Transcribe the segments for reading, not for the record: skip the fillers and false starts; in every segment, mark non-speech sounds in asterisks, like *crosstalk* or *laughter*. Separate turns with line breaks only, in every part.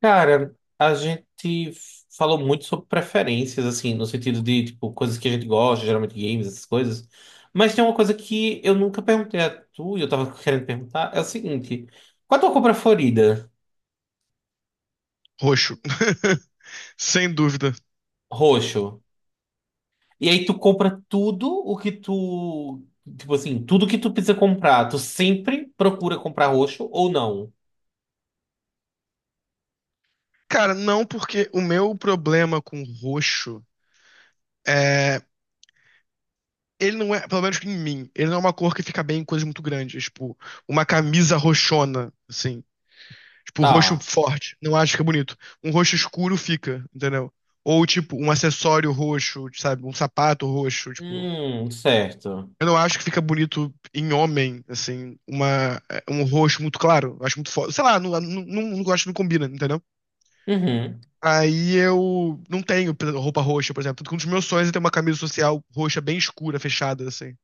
Cara, a gente falou muito sobre preferências, assim, no sentido de, tipo, coisas que a gente gosta, geralmente games, essas coisas. Mas tem uma coisa que eu nunca perguntei a tu e eu tava querendo perguntar, é o seguinte. Qual a tua compra favorita?
Roxo. *laughs* Sem dúvida.
Roxo. E aí tu compra tudo o que tu... Tipo assim, tudo que tu precisa comprar, tu sempre procura comprar roxo ou não?
Cara, não, porque o meu problema com roxo é. Ele não é, pelo menos em mim, ele não é uma cor que fica bem em coisas muito grandes. Tipo, uma camisa roxona, assim. Tipo, roxo
Tá.
forte. Não acho que é bonito. Um roxo escuro fica, entendeu? Ou, tipo, um acessório roxo, sabe? Um sapato roxo, tipo.
Certo.
Eu não acho que fica bonito em homem, assim, uma, é, um roxo muito claro. Eu acho muito forte. Sei lá, não gosto, não combina, entendeu?
Uhum.
Aí eu não tenho roupa roxa, por exemplo. Tanto um dos meus sonhos é ter uma camisa social roxa bem escura, fechada, assim.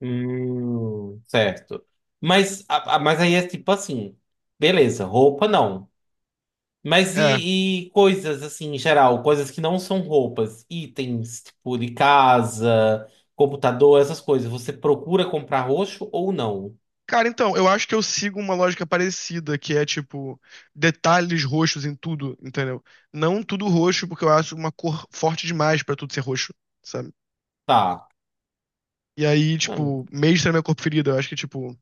Certo. Mas aí é tipo assim, beleza, roupa não. Mas
É.
e coisas assim, em geral, coisas que não são roupas, itens, tipo de casa, computador, essas coisas, você procura comprar roxo ou não?
Cara, então, eu acho que eu sigo uma lógica parecida, que é tipo, detalhes roxos em tudo, entendeu? Não tudo roxo, porque eu acho uma cor forte demais pra tudo ser roxo, sabe?
Tá.
E aí, tipo,
Hum,
mesmo na minha cor preferida, eu acho que, tipo,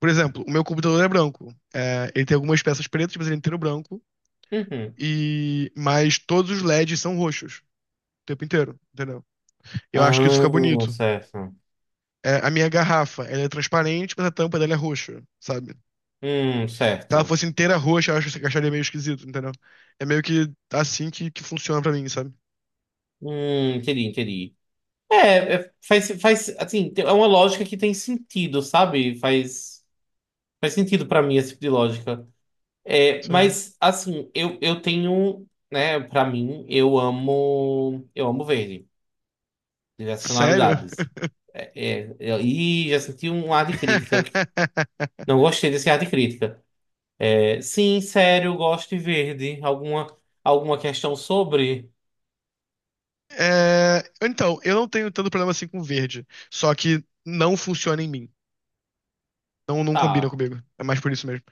por exemplo, o meu computador é branco. É, ele tem algumas peças pretas, mas ele é inteiro branco.
uhum.
E... mas todos os LEDs são roxos, o tempo inteiro, entendeu? Eu acho que isso fica
Ah,
bonito.
certo.
É, a minha garrafa, ela é transparente, mas a tampa dela é roxa, sabe? Se ela
Certo.
fosse inteira roxa, eu acho que acharia meio esquisito, entendeu? É meio que assim que funciona pra mim, sabe?
Entendi, entendi. É, faz, assim, é uma lógica que tem sentido, sabe? Faz sentido pra mim esse tipo de lógica. É,
Sim.
mas assim, eu tenho, né, pra mim, eu amo verde, diversas
Sério?
tonalidades. É, e já senti um ar de crítica.
*laughs*
Não gostei desse ar de crítica. É, sim, sério, eu gosto de verde. Alguma questão sobre?
É, então, eu não tenho tanto problema assim com verde. Só que não funciona em mim. Não, não combina
Tá.
comigo. É mais por isso mesmo.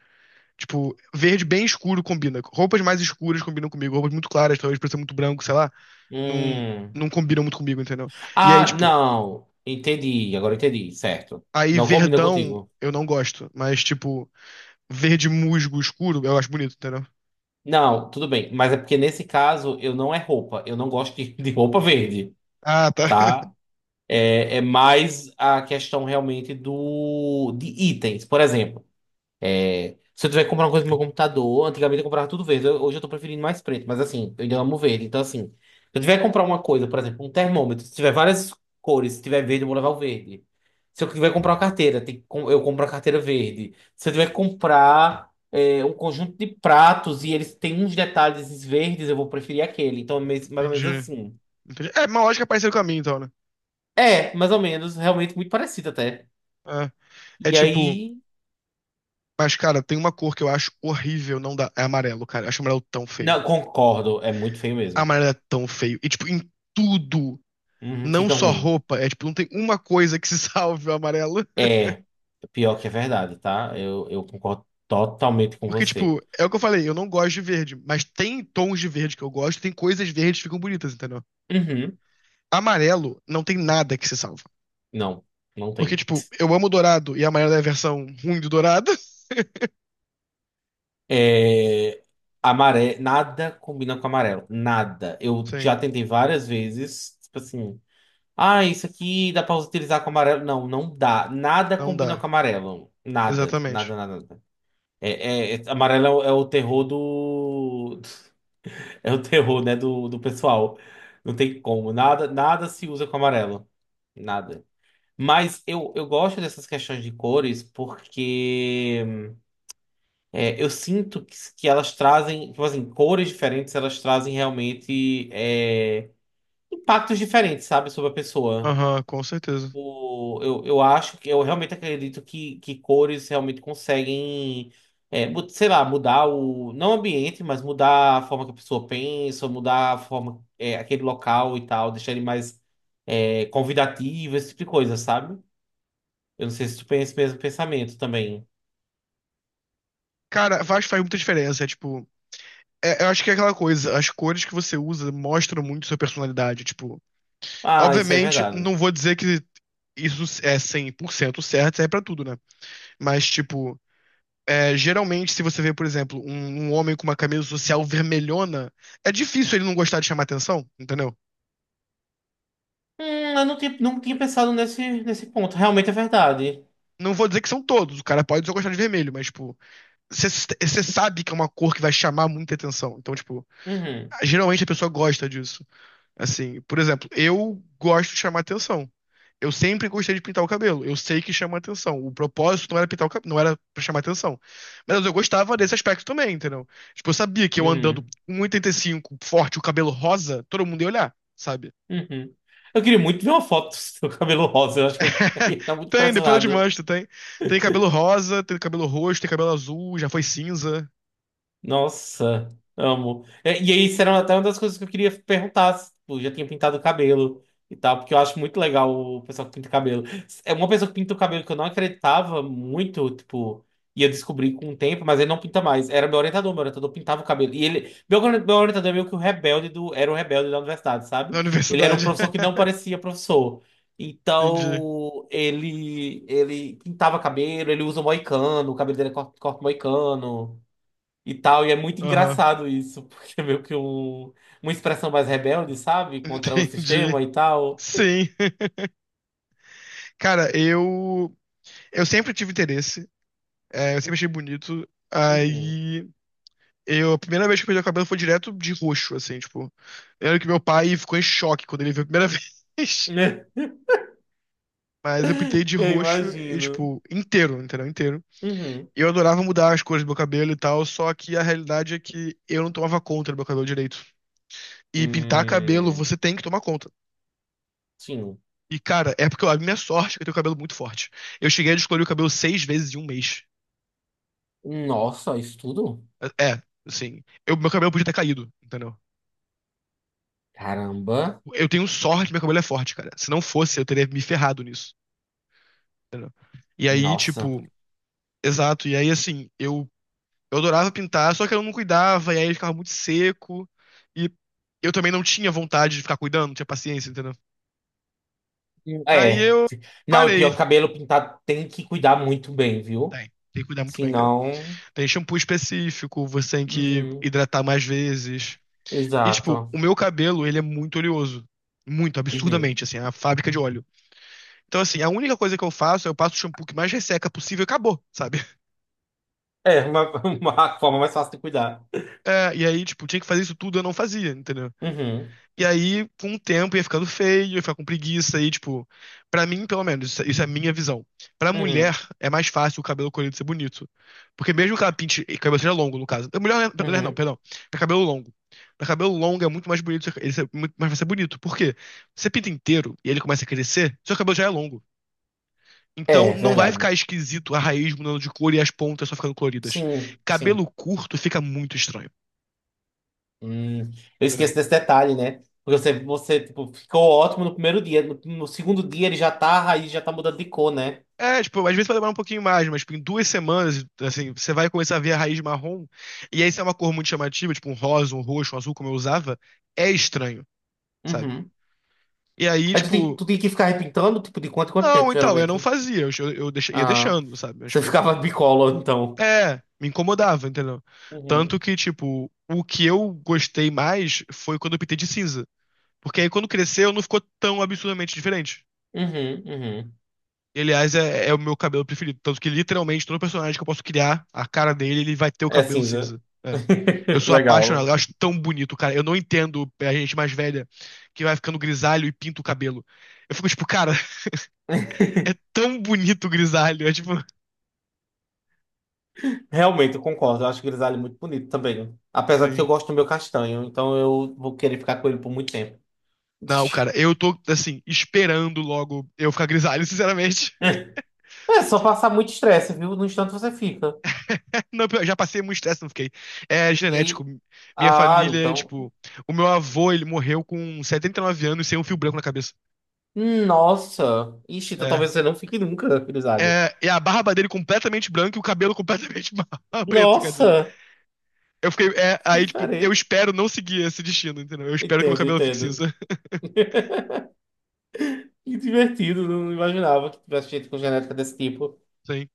Tipo, verde bem escuro combina. Roupas mais escuras combinam comigo. Roupas muito claras, talvez por ser muito branco, sei lá. Não,
Hum.
não combinam muito comigo, entendeu? E aí,
Ah,
tipo,
não. Entendi, agora entendi, certo.
aí
Não combina
verdão
contigo.
eu não gosto, mas tipo, verde musgo escuro eu acho bonito, entendeu?
Não, tudo bem, mas é porque nesse caso eu não é roupa, eu não gosto de roupa verde,
Ah, tá. *laughs*
tá? É mais a questão realmente do de itens. Por exemplo, se eu tiver que comprar uma coisa no meu computador, antigamente eu comprava tudo verde. Hoje eu tô preferindo mais preto, mas assim, eu ainda amo verde. Então, assim, se eu tiver que comprar uma coisa, por exemplo, um termômetro, se tiver várias cores, se tiver verde, eu vou levar o verde. Se eu tiver que comprar uma carteira, eu compro a carteira verde. Se eu tiver que comprar um conjunto de pratos e eles têm uns detalhes verdes, eu vou preferir aquele. Então, é mais ou menos
Entendi.
assim.
Entendi. É uma lógica parecida com a minha, então, né?
É, mais ou menos, realmente muito parecido até.
É, é
E
tipo,
aí.
mas cara, tem uma cor que eu acho horrível, não dá. É amarelo, cara. Eu acho amarelo tão feio.
Não, concordo, é muito feio mesmo.
Amarelo é tão feio. E tipo, em tudo,
Uhum,
não
fica
só
ruim.
roupa, é tipo, não tem uma coisa que se *laughs* salve o amarelo.
É, pior que é verdade, tá? Eu concordo totalmente com
Porque,
você.
tipo, é o que eu falei, eu não gosto de verde, mas tem tons de verde que eu gosto, tem coisas verdes que ficam bonitas, entendeu?
Uhum,
Amarelo não tem nada que se salve.
não, não
Porque,
tem.
tipo, eu amo dourado e a Mayra é a versão ruim do dourado.
É, Nada combina com amarelo, nada.
*laughs*
Eu
Sim,
já tentei várias vezes, tipo assim, ah, isso aqui dá pra utilizar com amarelo. Não, não dá. Nada
não
combina com
dá.
amarelo. Nada, nada,
Exatamente.
nada, nada. É, amarelo é o terror do. *laughs* *laughs* É o terror, né, do pessoal. Não tem como. Nada, nada se usa com amarelo. Nada. Mas eu gosto dessas questões de cores porque eu sinto que elas trazem, tipo assim, cores diferentes, elas trazem realmente impactos diferentes, sabe, sobre a pessoa.
Aham, com certeza.
Eu acho que eu realmente acredito que cores realmente conseguem, sei lá, mudar não o ambiente, mas mudar a forma que a pessoa pensa, mudar a forma, aquele local e tal, deixar ele mais convidativo, esse tipo de coisa, sabe? Eu não sei se tu pensa esse mesmo pensamento também.
Cara, faz muita diferença. É tipo. Eu acho que é aquela coisa, as cores que você usa mostram muito sua personalidade. Tipo,
Ah, isso é
obviamente,
verdade.
não vou dizer que isso é 100% certo, serve pra tudo, né? Mas, tipo, é, geralmente, se você vê, por exemplo, um homem com uma camisa social vermelhona, é difícil ele não gostar de chamar atenção, entendeu?
Eu não tinha pensado nesse ponto. Realmente é verdade.
Não vou dizer que são todos, o cara pode só gostar de vermelho, mas, tipo, você sabe que é uma cor que vai chamar muita atenção. Então, tipo,
Uhum,
geralmente a pessoa gosta disso. Assim, por exemplo, eu gosto de chamar atenção. Eu sempre gostei de pintar o cabelo. Eu sei que chama atenção. O propósito não era pintar o cabelo, não era pra chamar atenção. Mas eu gostava desse aspecto também, entendeu? Tipo, eu sabia que eu andando com
uhum,
1,85 forte, o cabelo rosa, todo mundo ia olhar, sabe?
uhum. Eu queria muito ver uma foto do seu cabelo rosa, eu acho que eu *laughs* ia
*laughs*
ficar muito
Tem, depois eu te
impressionado.
mostro, tem. Tem cabelo rosa, tem cabelo roxo, tem cabelo azul, já foi cinza
Nossa, amo. É, e aí, isso era até uma das coisas que eu queria perguntar, se, tipo, já tinha pintado o cabelo e tal, porque eu acho muito legal o pessoal que pinta cabelo. É uma pessoa que pinta o cabelo que eu não acreditava muito, tipo, ia descobrir com o tempo, mas ele não pinta mais. Era meu orientador pintava o cabelo. E ele, meu orientador é meio que o rebelde era o rebelde da universidade,
na
sabe? Ele era um
universidade.
professor que não
*laughs*
parecia professor.
Entendi.
Então, ele pintava cabelo, ele usa moicano, o cabelo dele é corte moicano e tal. E é muito
Aham.
engraçado isso, *laughs* porque é meio que uma expressão mais rebelde, sabe?
*laughs*
Contra o
Entendi.
sistema e tal.
Sim. Cara, eu sempre tive interesse, é, eu sempre achei bonito.
Uhum.
Aí eu a primeira vez que eu pintei o cabelo foi direto de roxo, assim, tipo. Eu lembro que meu pai ficou em choque quando ele viu a primeira *laughs* vez.
*laughs*
Mas eu pintei de
Eu
roxo e,
imagino.
tipo, inteiro, entendeu? Inteiro.
Uhum.
Eu adorava mudar as cores do meu cabelo e tal, só que a realidade é que eu não tomava conta do meu cabelo direito. E pintar cabelo,
Hum,
você tem que tomar conta.
sim.
E, cara, é porque a minha sorte é que eu tenho cabelo muito forte. Eu cheguei a descolorir o cabelo 6 vezes em um mês.
Nossa, isso tudo?
É, assim, eu, meu cabelo podia ter caído, entendeu?
Caramba.
Eu tenho sorte que meu cabelo é forte, cara. Se não fosse, eu teria me ferrado nisso. E aí,
Nossa.
tipo, exato. E aí, assim, eu adorava pintar, só que eu não cuidava, e aí ele ficava muito seco. E eu também não tinha vontade de ficar cuidando, não tinha paciência, entendeu? Aí
É.
eu
Não, e
parei.
pior, cabelo pintado tem que cuidar muito bem, viu?
Tem que cuidar muito bem, cara.
Senão.
Tem shampoo específico, você tem que
Uhum.
hidratar mais vezes. E, tipo,
Exato.
o meu cabelo, ele é muito oleoso. Muito,
Uhum.
absurdamente, assim, é a fábrica de óleo. Então, assim, a única coisa que eu faço é eu passo o shampoo que mais resseca possível e acabou, sabe? *laughs*
É, uma, *laughs* uma forma mais fácil de cuidar.
É, e aí, tipo, tinha que fazer isso tudo, eu não fazia, entendeu?
Uhum.
E aí, com o tempo, ia ficando feio, ia ficar com preguiça, e, tipo, pra mim, pelo menos, isso é a minha visão. Pra
Uhum.
mulher, é mais fácil o cabelo colorido ser bonito. Porque mesmo que ela pinte, e cabelo seja longo, no caso. Mulher, mulher não,
Uhum.
perdão. Pra cabelo longo. Pra cabelo longo é muito mais bonito, ele ser, muito mais vai ser bonito. Por quê? Você pinta inteiro e ele começa a crescer, seu cabelo já é longo. Então
É,
não vai
verdade.
ficar esquisito a raiz mudando de cor e as pontas só ficando coloridas.
Sim,
Cabelo
sim.
curto fica muito estranho,
Hum, eu esqueço
entendeu?
desse detalhe, né? Porque você tipo, ficou ótimo no primeiro dia. No segundo dia a raiz já tá mudando de cor, né?
É, tipo, às vezes vai demorar um pouquinho mais, mas tipo, em 2 semanas, assim, você vai começar a ver a raiz marrom. E aí, se é uma cor muito chamativa, tipo um rosa, um roxo, um azul, como eu usava, é estranho, sabe?
Uhum.
E aí,
Aí tu tem,
tipo,
tu tem que ficar repintando, tipo, de quanto em quanto tempo,
não, então, eu
geralmente?
não fazia, eu, ia
Ah,
deixando, sabe? Mas,
você
tipo,
ficava *laughs* bicolor, então.
é, me incomodava, entendeu?
Uhum.
Tanto que, tipo, o que eu gostei mais foi quando eu pintei de cinza. Porque aí quando cresceu não ficou tão absurdamente diferente.
Uhum, uhum.
E, aliás, é o meu cabelo preferido. Tanto que literalmente todo personagem que eu posso criar, a cara dele, ele vai ter o
É
cabelo
cinza.
cinza. É. Eu
*laughs*
sou apaixonado,
Legal.
eu acho tão bonito, cara. Eu não entendo a gente mais velha que vai ficando grisalho e pinta o cabelo. Eu fico tipo, cara, *laughs* é tão bonito o grisalho. É tipo,
Realmente, eu concordo. Eu acho o grisalho muito bonito também. Apesar de que eu
sim.
gosto do meu castanho, então eu vou querer ficar com ele por muito tempo.
Não, cara,
*laughs*
eu tô, assim, esperando logo eu ficar grisalho, sinceramente.
É só passar muito estresse, viu? No instante você fica.
Não, eu já passei muito estresse, não fiquei. É genético.
E...
Minha
Ah,
família,
então.
tipo, o meu avô, ele morreu com 79 anos sem um fio branco na cabeça.
Nossa. Ixi, então talvez
É.
você não fique nunca, grisalho.
É, e a barba dele completamente branca e o cabelo completamente *laughs* preto, quer dizer.
Nossa,
Eu fiquei. É,
que
aí, tipo, eu
diferente.
espero não seguir esse destino, entendeu? Eu espero que meu
Entendo,
cabelo fique
entendo.
cinza. *laughs*
Que divertido, não imaginava que tivesse gente com genética desse tipo.
Sim.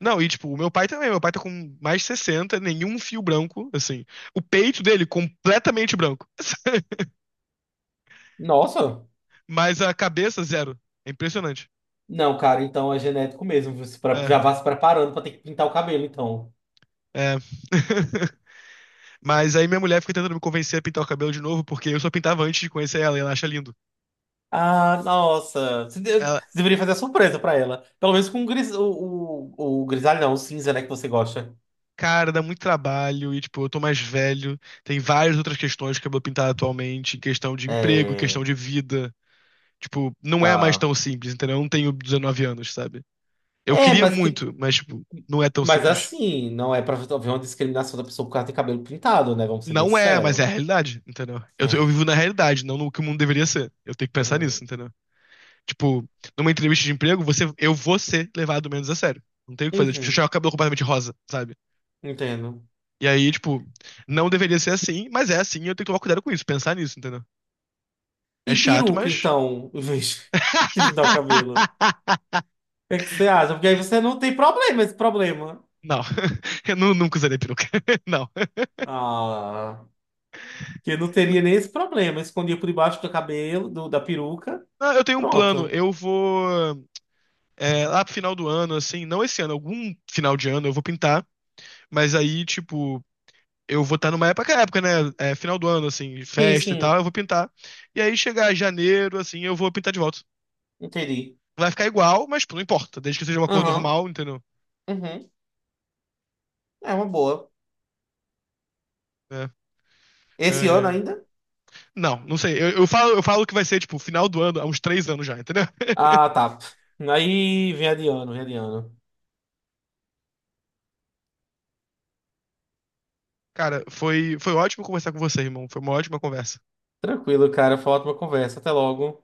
Não, e tipo, o meu pai também. Meu pai tá com mais de 60 nenhum fio branco, assim. O peito dele completamente branco,
Nossa.
mas a cabeça zero. É impressionante.
Não, cara, então é genético mesmo. Você
É,
já vá se preparando pra ter que pintar o cabelo, então.
é. *laughs* Mas aí minha mulher fica tentando me convencer a pintar o cabelo de novo, porque eu só pintava antes de conhecer ela e ela acha lindo.
Ah, nossa. Você de-
Ela,
deveria fazer a surpresa pra ela. Pelo menos com o, o grisalho, não, o cinza, né, que você gosta.
cara, dá muito trabalho e, tipo, eu tô mais velho. Tem várias outras questões de cabelo pintado atualmente, questão de emprego, questão
É.
de vida. Tipo, não é mais
Tá.
tão simples, entendeu? Eu não tenho 19 anos, sabe? Eu
É,
queria
mas que.
muito, mas, tipo, não é tão
Mas
simples.
assim, não é pra haver uma discriminação da pessoa por causa de cabelo pintado, né? Vamos ser bem
Não é, mas
sinceros.
é a realidade, entendeu? Eu
É.
vivo na realidade, não no que o mundo deveria ser. Eu tenho que pensar nisso, entendeu? Tipo, numa entrevista de emprego, você, eu vou ser levado menos a sério. Não tem o que fazer. Tipo, se eu
Uhum,
chegar com o cabelo completamente rosa, sabe?
entendo.
E aí, tipo, não deveria ser assim, mas é assim e eu tenho que tomar cuidado com isso, pensar nisso, entendeu? É
E
chato,
peruca,
mas.
então, em vez *laughs* de pintar o cabelo. O
*laughs*
que é que você acha? Porque aí você não tem problema, esse problema.
Não, *laughs* eu nunca usarei peruca. *laughs* Não.
Ah, que eu não teria nem esse problema. Eu escondia por debaixo do cabelo, da peruca.
Não, eu tenho um plano.
Pronto.
Eu vou. É, lá pro final do ano, assim, não esse ano, algum final de ano eu vou pintar. Mas aí, tipo, eu vou estar numa época, né? É, final do ano, assim,
Sim,
festa e tal,
sim,
eu vou pintar. E aí chegar janeiro, assim, eu vou pintar de volta.
entendi.
Vai ficar igual, mas pô, não importa, desde que seja uma cor
Aham,
normal, entendeu?
uhum, é uma boa.
É, é,
Esse ano
é.
ainda?
Não, não sei. Eu falo que vai ser, tipo, final do ano, há uns 3 anos já, entendeu? *laughs*
Ah, tá. Aí vem adiando, vem adiando.
Cara, foi ótimo conversar com você, irmão. Foi uma ótima conversa.
Tranquilo, cara. Foi uma ótima conversa. Até logo.